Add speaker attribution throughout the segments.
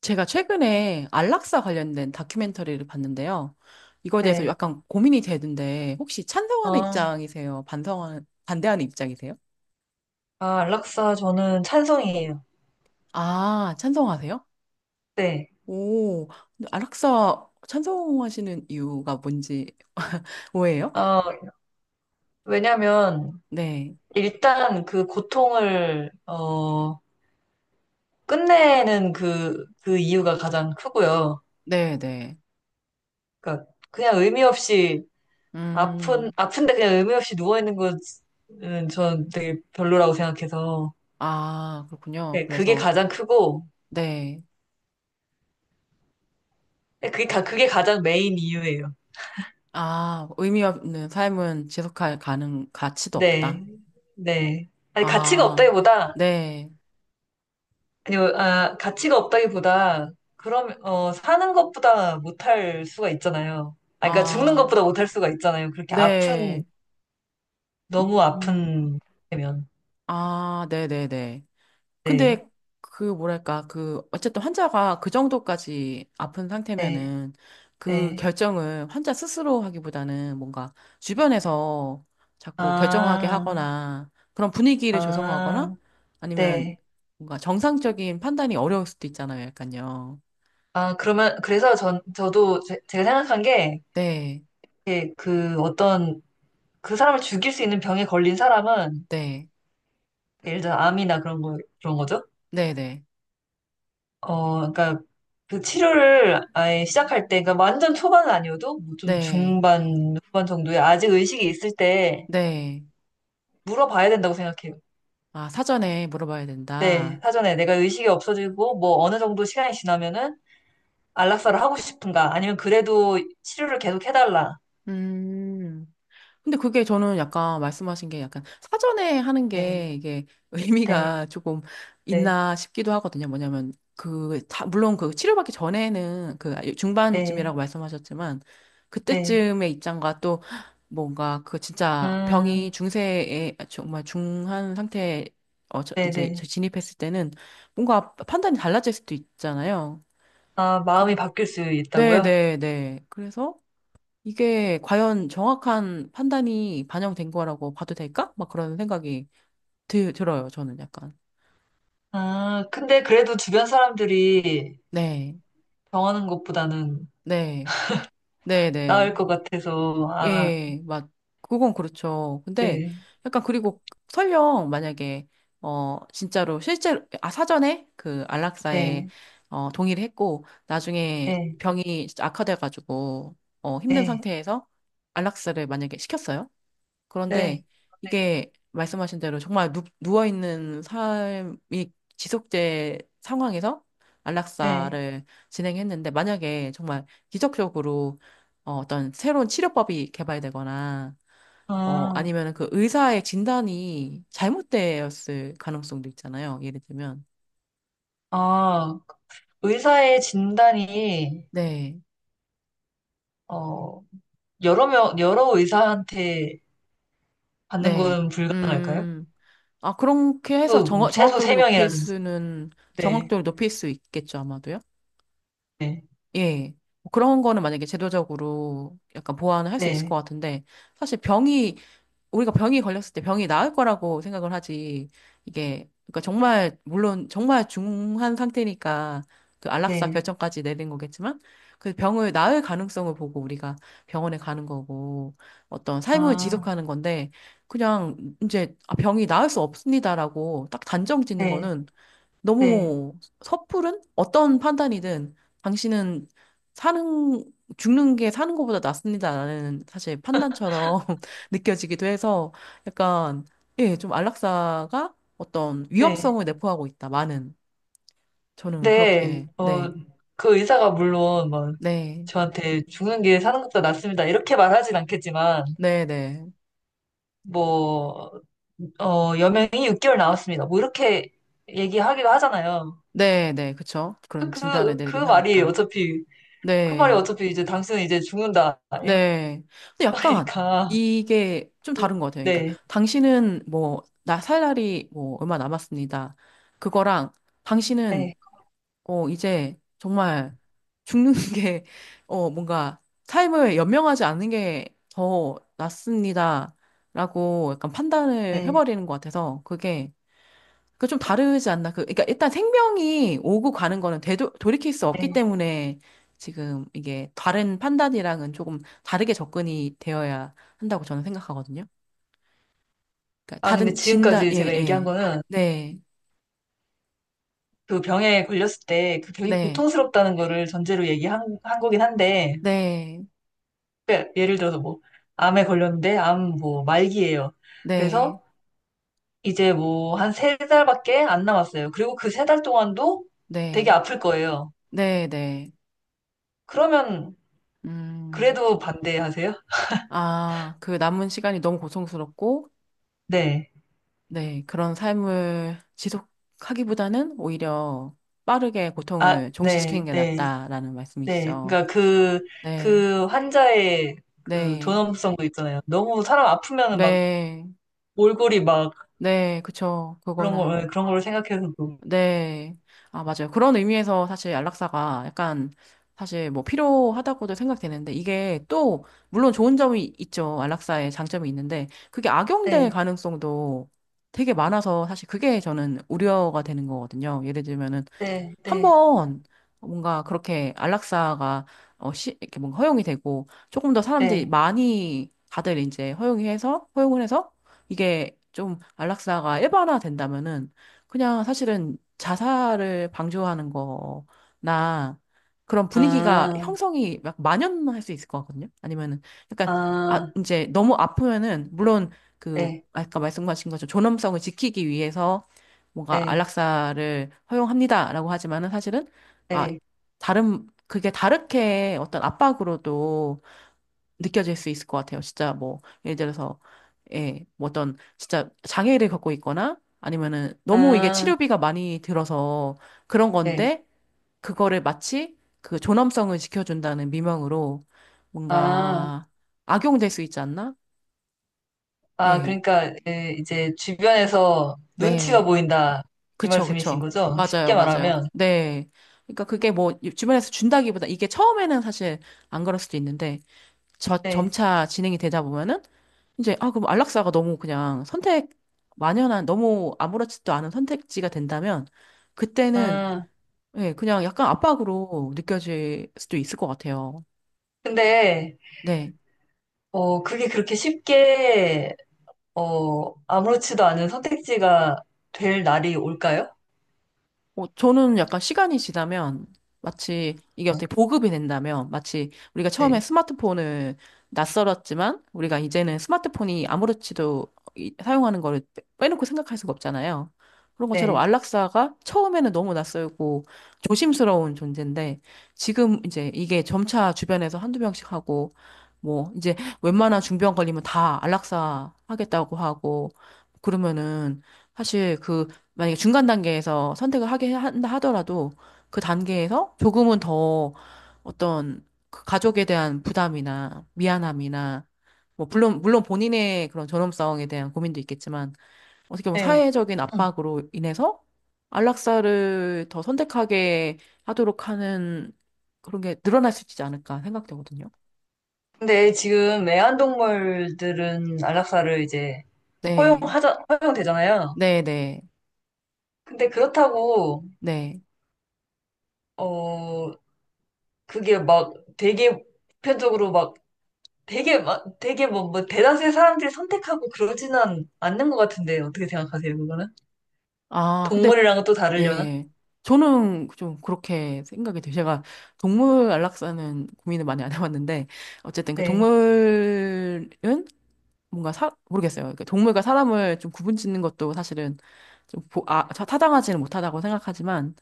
Speaker 1: 제가 최근에 안락사 관련된 다큐멘터리를 봤는데요. 이거에 대해서
Speaker 2: 네.
Speaker 1: 약간 고민이 되는데, 혹시 찬성하는
Speaker 2: 아,
Speaker 1: 입장이세요? 반대하는 입장이세요?
Speaker 2: 락사 저는 찬성이에요.
Speaker 1: 아, 찬성하세요?
Speaker 2: 네.
Speaker 1: 오, 근데 안락사 찬성하시는 이유가 뭔지, 뭐예요?
Speaker 2: 어, 왜냐면,
Speaker 1: 네,
Speaker 2: 일단 그 고통을, 끝내는 그 이유가 가장 크고요.
Speaker 1: 네, 네.
Speaker 2: 그러니까, 그냥 의미 없이,
Speaker 1: 음,
Speaker 2: 아픈데 그냥 의미 없이 누워있는 것은 전 되게 별로라고 생각해서,
Speaker 1: 아, 그렇군요.
Speaker 2: 네, 그게
Speaker 1: 그래서,
Speaker 2: 가장 크고,
Speaker 1: 네.
Speaker 2: 네, 그게 가장 메인 이유예요.
Speaker 1: 아, 의미 없는 삶은 지속할 가치도
Speaker 2: 네.
Speaker 1: 없다.
Speaker 2: 네. 아니, 가치가
Speaker 1: 아,
Speaker 2: 없다기보다,
Speaker 1: 네.
Speaker 2: 아니, 뭐, 가치가 없다기보다, 그럼, 사는 것보다 못할 수가 있잖아요. 아, 그러니까 죽는
Speaker 1: 아.
Speaker 2: 것보다 못할 수가 있잖아요.
Speaker 1: 네.
Speaker 2: 너무
Speaker 1: 음.
Speaker 2: 아픈, 면.
Speaker 1: 아, 네네네.
Speaker 2: 네,
Speaker 1: 근데 그 뭐랄까, 그 어쨌든 환자가 그 정도까지 아픈
Speaker 2: 네,
Speaker 1: 상태면은 그
Speaker 2: 네.
Speaker 1: 결정을 환자 스스로 하기보다는 뭔가 주변에서 자꾸 결정하게
Speaker 2: 아,
Speaker 1: 하거나 그런 분위기를 조성하거나
Speaker 2: 아,
Speaker 1: 아니면
Speaker 2: 네.
Speaker 1: 뭔가 정상적인 판단이 어려울 수도 있잖아요, 약간요.
Speaker 2: 아, 그러면, 그래서 전, 저도, 제, 가 생각한 게,
Speaker 1: 네,
Speaker 2: 이렇게 그 어떤, 그 사람을 죽일 수 있는 병에 걸린 사람은,
Speaker 1: 네,
Speaker 2: 예를 들어 암이나 그런 거죠.
Speaker 1: 네네,
Speaker 2: 그러니까 그 치료를 아예 시작할 때, 그러니까 완전 초반은 아니어도 뭐 좀
Speaker 1: 네,
Speaker 2: 중반, 후반 정도에 아직 의식이 있을 때
Speaker 1: 네.
Speaker 2: 물어봐야 된다고 생각해요.
Speaker 1: 아, 사전에 물어봐야
Speaker 2: 네,
Speaker 1: 된다.
Speaker 2: 사전에 내가 의식이 없어지고 뭐 어느 정도 시간이 지나면은 안락사를 하고 싶은가, 아니면 그래도 치료를 계속 해달라.
Speaker 1: 음. 근데 그게 저는 약간 말씀하신 게 약간 사전에 하는
Speaker 2: 네,
Speaker 1: 게 이게
Speaker 2: 네,
Speaker 1: 의미가 조금
Speaker 2: 네,
Speaker 1: 있나 싶기도 하거든요. 뭐냐면 그, 물론 그 치료받기 전에는 그
Speaker 2: 네,
Speaker 1: 중반쯤이라고 말씀하셨지만
Speaker 2: 네.
Speaker 1: 그때쯤의 입장과 또 뭔가 그 진짜
Speaker 2: 음,
Speaker 1: 병이 중세에 아, 정말 중한 상태에 어,
Speaker 2: 네,
Speaker 1: 이제
Speaker 2: 네.
Speaker 1: 진입했을 때는 뭔가 판단이 달라질 수도 있잖아요.
Speaker 2: 아,
Speaker 1: 그-
Speaker 2: 마음이 바뀔 수
Speaker 1: 네,
Speaker 2: 있다고요?
Speaker 1: 네, 네. 그래서 이게 과연 정확한 판단이 반영된 거라고 봐도 될까? 막 그런 생각이 들어요, 저는 약간.
Speaker 2: 아, 근데 그래도 주변 사람들이
Speaker 1: 네,
Speaker 2: 병하는 것보다는
Speaker 1: 네, 네, 네.
Speaker 2: 나을 것 같아서, 아,
Speaker 1: 예, 맞. 그건 그렇죠. 근데
Speaker 2: 네,
Speaker 1: 약간 그리고 설령 만약에, 어, 진짜로 실제로, 아, 사전에 그 안락사에,
Speaker 2: 네,
Speaker 1: 어, 동의를 했고, 나중에
Speaker 2: 네,
Speaker 1: 병이 진짜 악화돼가지고, 어, 힘든
Speaker 2: 네,
Speaker 1: 상태에서 안락사를 만약에 시켰어요.
Speaker 2: 네,
Speaker 1: 그런데 이게 말씀하신 대로 정말 누워있는 삶이 지속제 상황에서
Speaker 2: 네.
Speaker 1: 안락사를 진행했는데 만약에 정말 기적적으로 어, 어떤 새로운 치료법이 개발되거나 어,
Speaker 2: 아,
Speaker 1: 아니면 그 의사의 진단이 잘못되었을 가능성도 있잖아요. 예를 들면.
Speaker 2: 아, 의사의 진단이,
Speaker 1: 네,
Speaker 2: 어, 여러 의사한테 받는
Speaker 1: 네.
Speaker 2: 건 불가능할까요?
Speaker 1: 음, 아, 그렇게 해서
Speaker 2: 최소, 최소
Speaker 1: 정확도를 높일
Speaker 2: 3명이라든지.
Speaker 1: 수는,
Speaker 2: 네,
Speaker 1: 정확도를 높일 수 있겠죠, 아마도요?
Speaker 2: 네,
Speaker 1: 예. 뭐 그런 거는 만약에 제도적으로 약간 보완을 할 수 있을
Speaker 2: 네,
Speaker 1: 것 같은데, 사실 병이, 우리가 병이 걸렸을 때 병이 나을 거라고 생각을 하지, 이게, 그러니까 정말, 물론 정말 중한 상태니까 그 안락사
Speaker 2: 네.
Speaker 1: 결정까지 내린 거겠지만, 그 병을 나을 가능성을 보고 우리가 병원에 가는 거고, 어떤 삶을
Speaker 2: 아,
Speaker 1: 지속하는 건데, 그냥 이제 아, 병이 나을 수 없습니다라고 딱 단정 짓는
Speaker 2: 네,
Speaker 1: 거는
Speaker 2: 네,
Speaker 1: 너무 섣부른? 어떤 판단이든 당신은 사는, 죽는 게 사는 것보다 낫습니다라는 사실 판단처럼 느껴지기도 해서 약간, 예, 좀 안락사가 어떤
Speaker 2: 네.
Speaker 1: 위험성을 내포하고 있다. 많은. 저는
Speaker 2: 근데,
Speaker 1: 그렇게, 네,
Speaker 2: 그 의사가 물론, 뭐,
Speaker 1: 네,
Speaker 2: 저한테 죽는 게 사는 것보다 낫습니다. 이렇게 말하진 않겠지만,
Speaker 1: 네, 네,
Speaker 2: 뭐, 여명이 6개월 나왔습니다. 뭐 이렇게 얘기하기도 하잖아요.
Speaker 1: 네, 네, 그쵸. 그런 진단을
Speaker 2: 그, 그
Speaker 1: 내리기도
Speaker 2: 말이
Speaker 1: 하니까.
Speaker 2: 어차피, 그 말이
Speaker 1: 네.
Speaker 2: 어차피 이제 당신은 이제 죽는다. 이
Speaker 1: 네. 근데 약간
Speaker 2: 말이니까.
Speaker 1: 이게 좀 다른 것 같아요. 그러니까
Speaker 2: 네,
Speaker 1: 당신은 뭐, 나 살 날이 뭐 얼마 남았습니다. 그거랑
Speaker 2: 네,
Speaker 1: 당신은 어, 이제 정말 죽는 게 어, 뭔가 삶을 연명하지 않는 게 더 낫습니다. 라고 약간 판단을
Speaker 2: 네,
Speaker 1: 해버리는 것 같아서 그게 그 좀 다르지 않나? 그러니까 일단 생명이 오고 가는 거는 돌이킬 수 없기
Speaker 2: 네.
Speaker 1: 때문에 지금 이게 다른 판단이랑은 조금 다르게 접근이 되어야 한다고 저는 생각하거든요. 그러니까
Speaker 2: 아, 근데
Speaker 1: 다른 진단,
Speaker 2: 지금까지
Speaker 1: 예,
Speaker 2: 제가 얘기한
Speaker 1: 예.
Speaker 2: 거는
Speaker 1: 네,
Speaker 2: 그 병에 걸렸을 때 그 병이
Speaker 1: 네,
Speaker 2: 고통스럽다는 거를 전제로 얘기한 한 거긴 한데,
Speaker 1: 네,
Speaker 2: 그러니까 예를 들어서 뭐, 암에 걸렸는데, 암 뭐, 말기예요.
Speaker 1: 네,
Speaker 2: 그래서 이제 뭐 한 세 달밖에 안 남았어요. 그리고 그 세 달 동안도 되게
Speaker 1: 네,
Speaker 2: 아플 거예요.
Speaker 1: 네, 네.
Speaker 2: 그러면
Speaker 1: 음,
Speaker 2: 그래도 반대하세요?
Speaker 1: 아, 그 남은 시간이 너무 고통스럽고,
Speaker 2: 네.
Speaker 1: 네, 그런 삶을 지속하기보다는 오히려 빠르게
Speaker 2: 아,
Speaker 1: 고통을
Speaker 2: 네,
Speaker 1: 종식시키는 게
Speaker 2: 네,
Speaker 1: 낫다라는
Speaker 2: 네.
Speaker 1: 말씀이시죠.
Speaker 2: 그러니까 그,
Speaker 1: 네,
Speaker 2: 그 환자의 그
Speaker 1: 네,
Speaker 2: 존엄성도 있잖아요. 너무 사람 아프면은 막
Speaker 1: 네,
Speaker 2: 몰골이 막
Speaker 1: 네, 그쵸. 그거는,
Speaker 2: 그런 걸 생각해서. 도
Speaker 1: 네. 아, 맞아요. 그런 의미에서 사실 안락사가 약간 사실 뭐 필요하다고도 생각되는데 이게 또, 물론 좋은 점이 있죠. 안락사의 장점이 있는데 그게 악용될
Speaker 2: 네,
Speaker 1: 가능성도 되게 많아서 사실 그게 저는 우려가 되는 거거든요. 예를 들면은
Speaker 2: 네, 네,
Speaker 1: 한번 뭔가 그렇게 안락사가 어, 이렇게 뭔가 허용이 되고 조금 더 사람들이
Speaker 2: 네.
Speaker 1: 많이 다들 이제 허용해서 허용을 해서 이게 좀 안락사가 일반화 된다면은 그냥 사실은 자살을 방조하는 거나 그런 분위기가
Speaker 2: 아,
Speaker 1: 형성이 막 만연할 수 있을 것 같거든요. 아니면은 약간 아
Speaker 2: 아,
Speaker 1: 이제 너무 아프면은 물론 그
Speaker 2: 네,
Speaker 1: 아까 말씀하신 것처럼 존엄성을 지키기 위해서 뭔가
Speaker 2: 네,
Speaker 1: 안락사를 허용합니다라고 하지만은 사실은 아
Speaker 2: 네.
Speaker 1: 다른 그게 다르게 어떤 압박으로도 느껴질 수 있을 것 같아요. 진짜 뭐 예를 들어서 예, 뭐 어떤 진짜 장애를 갖고 있거나 아니면은 너무 이게
Speaker 2: 아,
Speaker 1: 치료비가 많이 들어서 그런
Speaker 2: 네.
Speaker 1: 건데 그거를 마치 그 존엄성을 지켜준다는 미명으로
Speaker 2: 아.
Speaker 1: 뭔가 악용될 수 있지 않나?
Speaker 2: 아,
Speaker 1: 예.
Speaker 2: 그러니까 이제 주변에서 눈치가
Speaker 1: 네.
Speaker 2: 보인다 이
Speaker 1: 그쵸,
Speaker 2: 말씀이신
Speaker 1: 그쵸.
Speaker 2: 거죠?
Speaker 1: 맞아요,
Speaker 2: 쉽게
Speaker 1: 맞아요.
Speaker 2: 말하면.
Speaker 1: 네. 그러니까 그게 뭐 주변에서 준다기보다 이게 처음에는 사실 안 그럴 수도 있는데 저
Speaker 2: 네.
Speaker 1: 점차 진행이 되다 보면은 이제 아 그럼 안락사가 너무 그냥 선택 만연한 너무 아무렇지도 않은 선택지가 된다면 그때는
Speaker 2: 아,
Speaker 1: 예, 그냥 약간 압박으로 느껴질 수도 있을 것 같아요.
Speaker 2: 근데
Speaker 1: 네.
Speaker 2: 그게 그렇게 쉽게 아무렇지도 않은 선택지가 될 날이 올까요?
Speaker 1: 어, 저는 약간 시간이 지나면 마치 이게 어떻게 보급이 된다면 마치 우리가 처음에
Speaker 2: 네.
Speaker 1: 스마트폰을 낯설었지만 우리가 이제는 스마트폰이 아무렇지도 사용하는 거를 빼놓고 생각할 수가 없잖아요. 그런 것처럼
Speaker 2: 네.
Speaker 1: 안락사가 처음에는 너무 낯설고 조심스러운 존재인데 지금 이제 이게 점차 주변에서 한두 명씩 하고 뭐 이제 웬만한 중병 걸리면 다 안락사 하겠다고 하고 그러면은 사실 그 만약에 중간 단계에서 선택을 하게 한다 하더라도 그 단계에서 조금은 더 어떤 그 가족에 대한 부담이나 미안함이나 뭐 물론 본인의 그런 존엄성에 대한 고민도 있겠지만 어떻게 보면
Speaker 2: 네.
Speaker 1: 사회적인
Speaker 2: 음.
Speaker 1: 압박으로 인해서 안락사를 더 선택하게 하도록 하는 그런 게 늘어날 수 있지 않을까 생각되거든요.
Speaker 2: 근데 지금 애완동물들은 안락사를 이제
Speaker 1: 네,
Speaker 2: 허용되잖아요.
Speaker 1: 네, 네,
Speaker 2: 근데 그렇다고,
Speaker 1: 네.
Speaker 2: 어, 그게 막 되게 보편적으로 되게 막 되게 뭐 대다수의 사람들이 선택하고 그러지는 않는 것 같은데 어떻게 생각하세요 그거는?
Speaker 1: 아, 근데,
Speaker 2: 동물이랑은 또 다르려나?
Speaker 1: 예. 저는 좀 그렇게 생각이 돼요. 제가 동물 안락사는 고민을 많이 안 해봤는데, 어쨌든 그
Speaker 2: 네,
Speaker 1: 동물은 뭔가 모르겠어요. 그러니까 동물과 사람을 좀 구분 짓는 것도 사실은 좀 타당하지는 못하다고 생각하지만,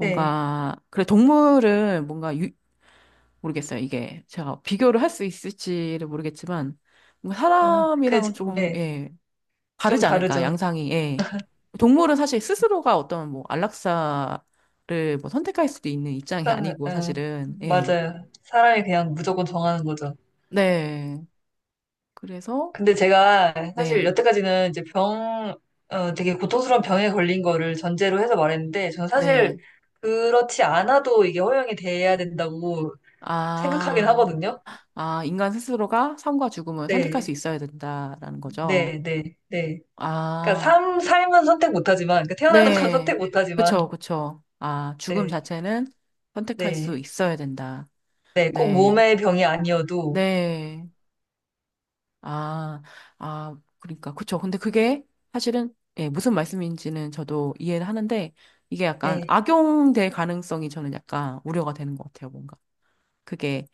Speaker 2: 네,
Speaker 1: 그래, 동물은 뭔가 모르겠어요. 이게 제가 비교를 할 수 있을지를 모르겠지만, 뭔가
Speaker 2: 그,
Speaker 1: 사람이랑은 조금,
Speaker 2: 네,
Speaker 1: 예.
Speaker 2: 좀
Speaker 1: 다르지 않을까,
Speaker 2: 다르죠.
Speaker 1: 양상이. 예. 동물은 사실 스스로가 어떤 뭐 안락사를 뭐 선택할 수도 있는 입장이
Speaker 2: 일단,
Speaker 1: 아니고
Speaker 2: 어,
Speaker 1: 사실은. 예.
Speaker 2: 맞아요. 사람이 그냥 무조건 정하는 거죠.
Speaker 1: 네. 그래서
Speaker 2: 근데 제가 사실
Speaker 1: 네.
Speaker 2: 여태까지는 이제 되게 고통스러운 병에 걸린 거를 전제로 해서 말했는데 저는 사실
Speaker 1: 네.
Speaker 2: 그렇지 않아도 이게 허용이 돼야 된다고 생각하긴
Speaker 1: 아.
Speaker 2: 하거든요.
Speaker 1: 아, 인간 스스로가 삶과 죽음을 선택할 수
Speaker 2: 네,
Speaker 1: 있어야 된다라는 거죠.
Speaker 2: 네, 네, 네. 그러니까
Speaker 1: 아.
Speaker 2: 삶은 선택 못하지만, 그러니까 태어나는 건
Speaker 1: 네.
Speaker 2: 선택 못하지만,
Speaker 1: 그쵸, 그쵸. 아, 죽음
Speaker 2: 네,
Speaker 1: 자체는 선택할 수
Speaker 2: 네,
Speaker 1: 있어야 된다.
Speaker 2: 네, 꼭
Speaker 1: 네.
Speaker 2: 몸의 병이 아니어도,
Speaker 1: 네. 아, 아, 그러니까 그쵸. 근데 그게 사실은 예, 무슨 말씀인지는 저도 이해를 하는데 이게 약간
Speaker 2: 네.
Speaker 1: 악용될 가능성이 저는 약간 우려가 되는 것 같아요. 뭔가 그게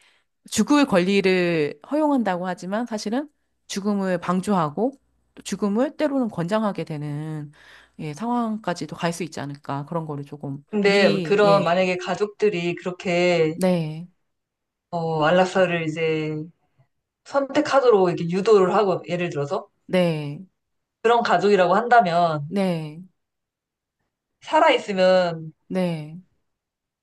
Speaker 1: 죽을 권리를 허용한다고 하지만 사실은 죽음을 방조하고 또 죽음을 때로는 권장하게 되는 예, 상황까지도 갈 수 있지 않을까 그런 거를 조금
Speaker 2: 근데
Speaker 1: 미리
Speaker 2: 그런
Speaker 1: 예,
Speaker 2: 만약에 가족들이 그렇게
Speaker 1: 네,
Speaker 2: 안락사를 이제 선택하도록 이렇게 유도를 하고, 예를 들어서
Speaker 1: 네,
Speaker 2: 그런 가족이라고 한다면
Speaker 1: 네,
Speaker 2: 살아 있으면
Speaker 1: 네.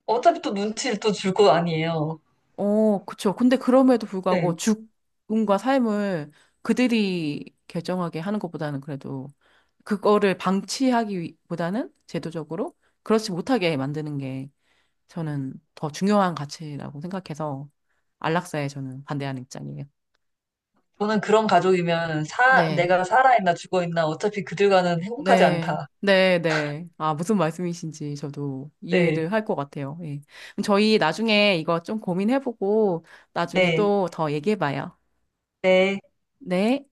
Speaker 2: 어차피 또 눈치를 또 줄 거 아니에요.
Speaker 1: 어, 그쵸. 근데 그럼에도 불구하고
Speaker 2: 네.
Speaker 1: 죽음과 삶을 그들이 결정하게 하는 것보다는 그래도 그거를 방치하기보다는 제도적으로 그렇지 못하게 만드는 게 저는 더 중요한 가치라고 생각해서 안락사에 저는 반대하는 입장이에요.
Speaker 2: 저는 그런 가족이면
Speaker 1: 네,
Speaker 2: 내가 살아있나 죽어있나 어차피 그들과는 행복하지
Speaker 1: 네,
Speaker 2: 않다.
Speaker 1: 네, 네. 아, 무슨 말씀이신지 저도
Speaker 2: 네,
Speaker 1: 이해를 할 것 같아요. 예. 그럼 저희 나중에 이거 좀 고민해보고 나중에
Speaker 2: 네,
Speaker 1: 또 더 얘기해봐요.
Speaker 2: 네.
Speaker 1: 네.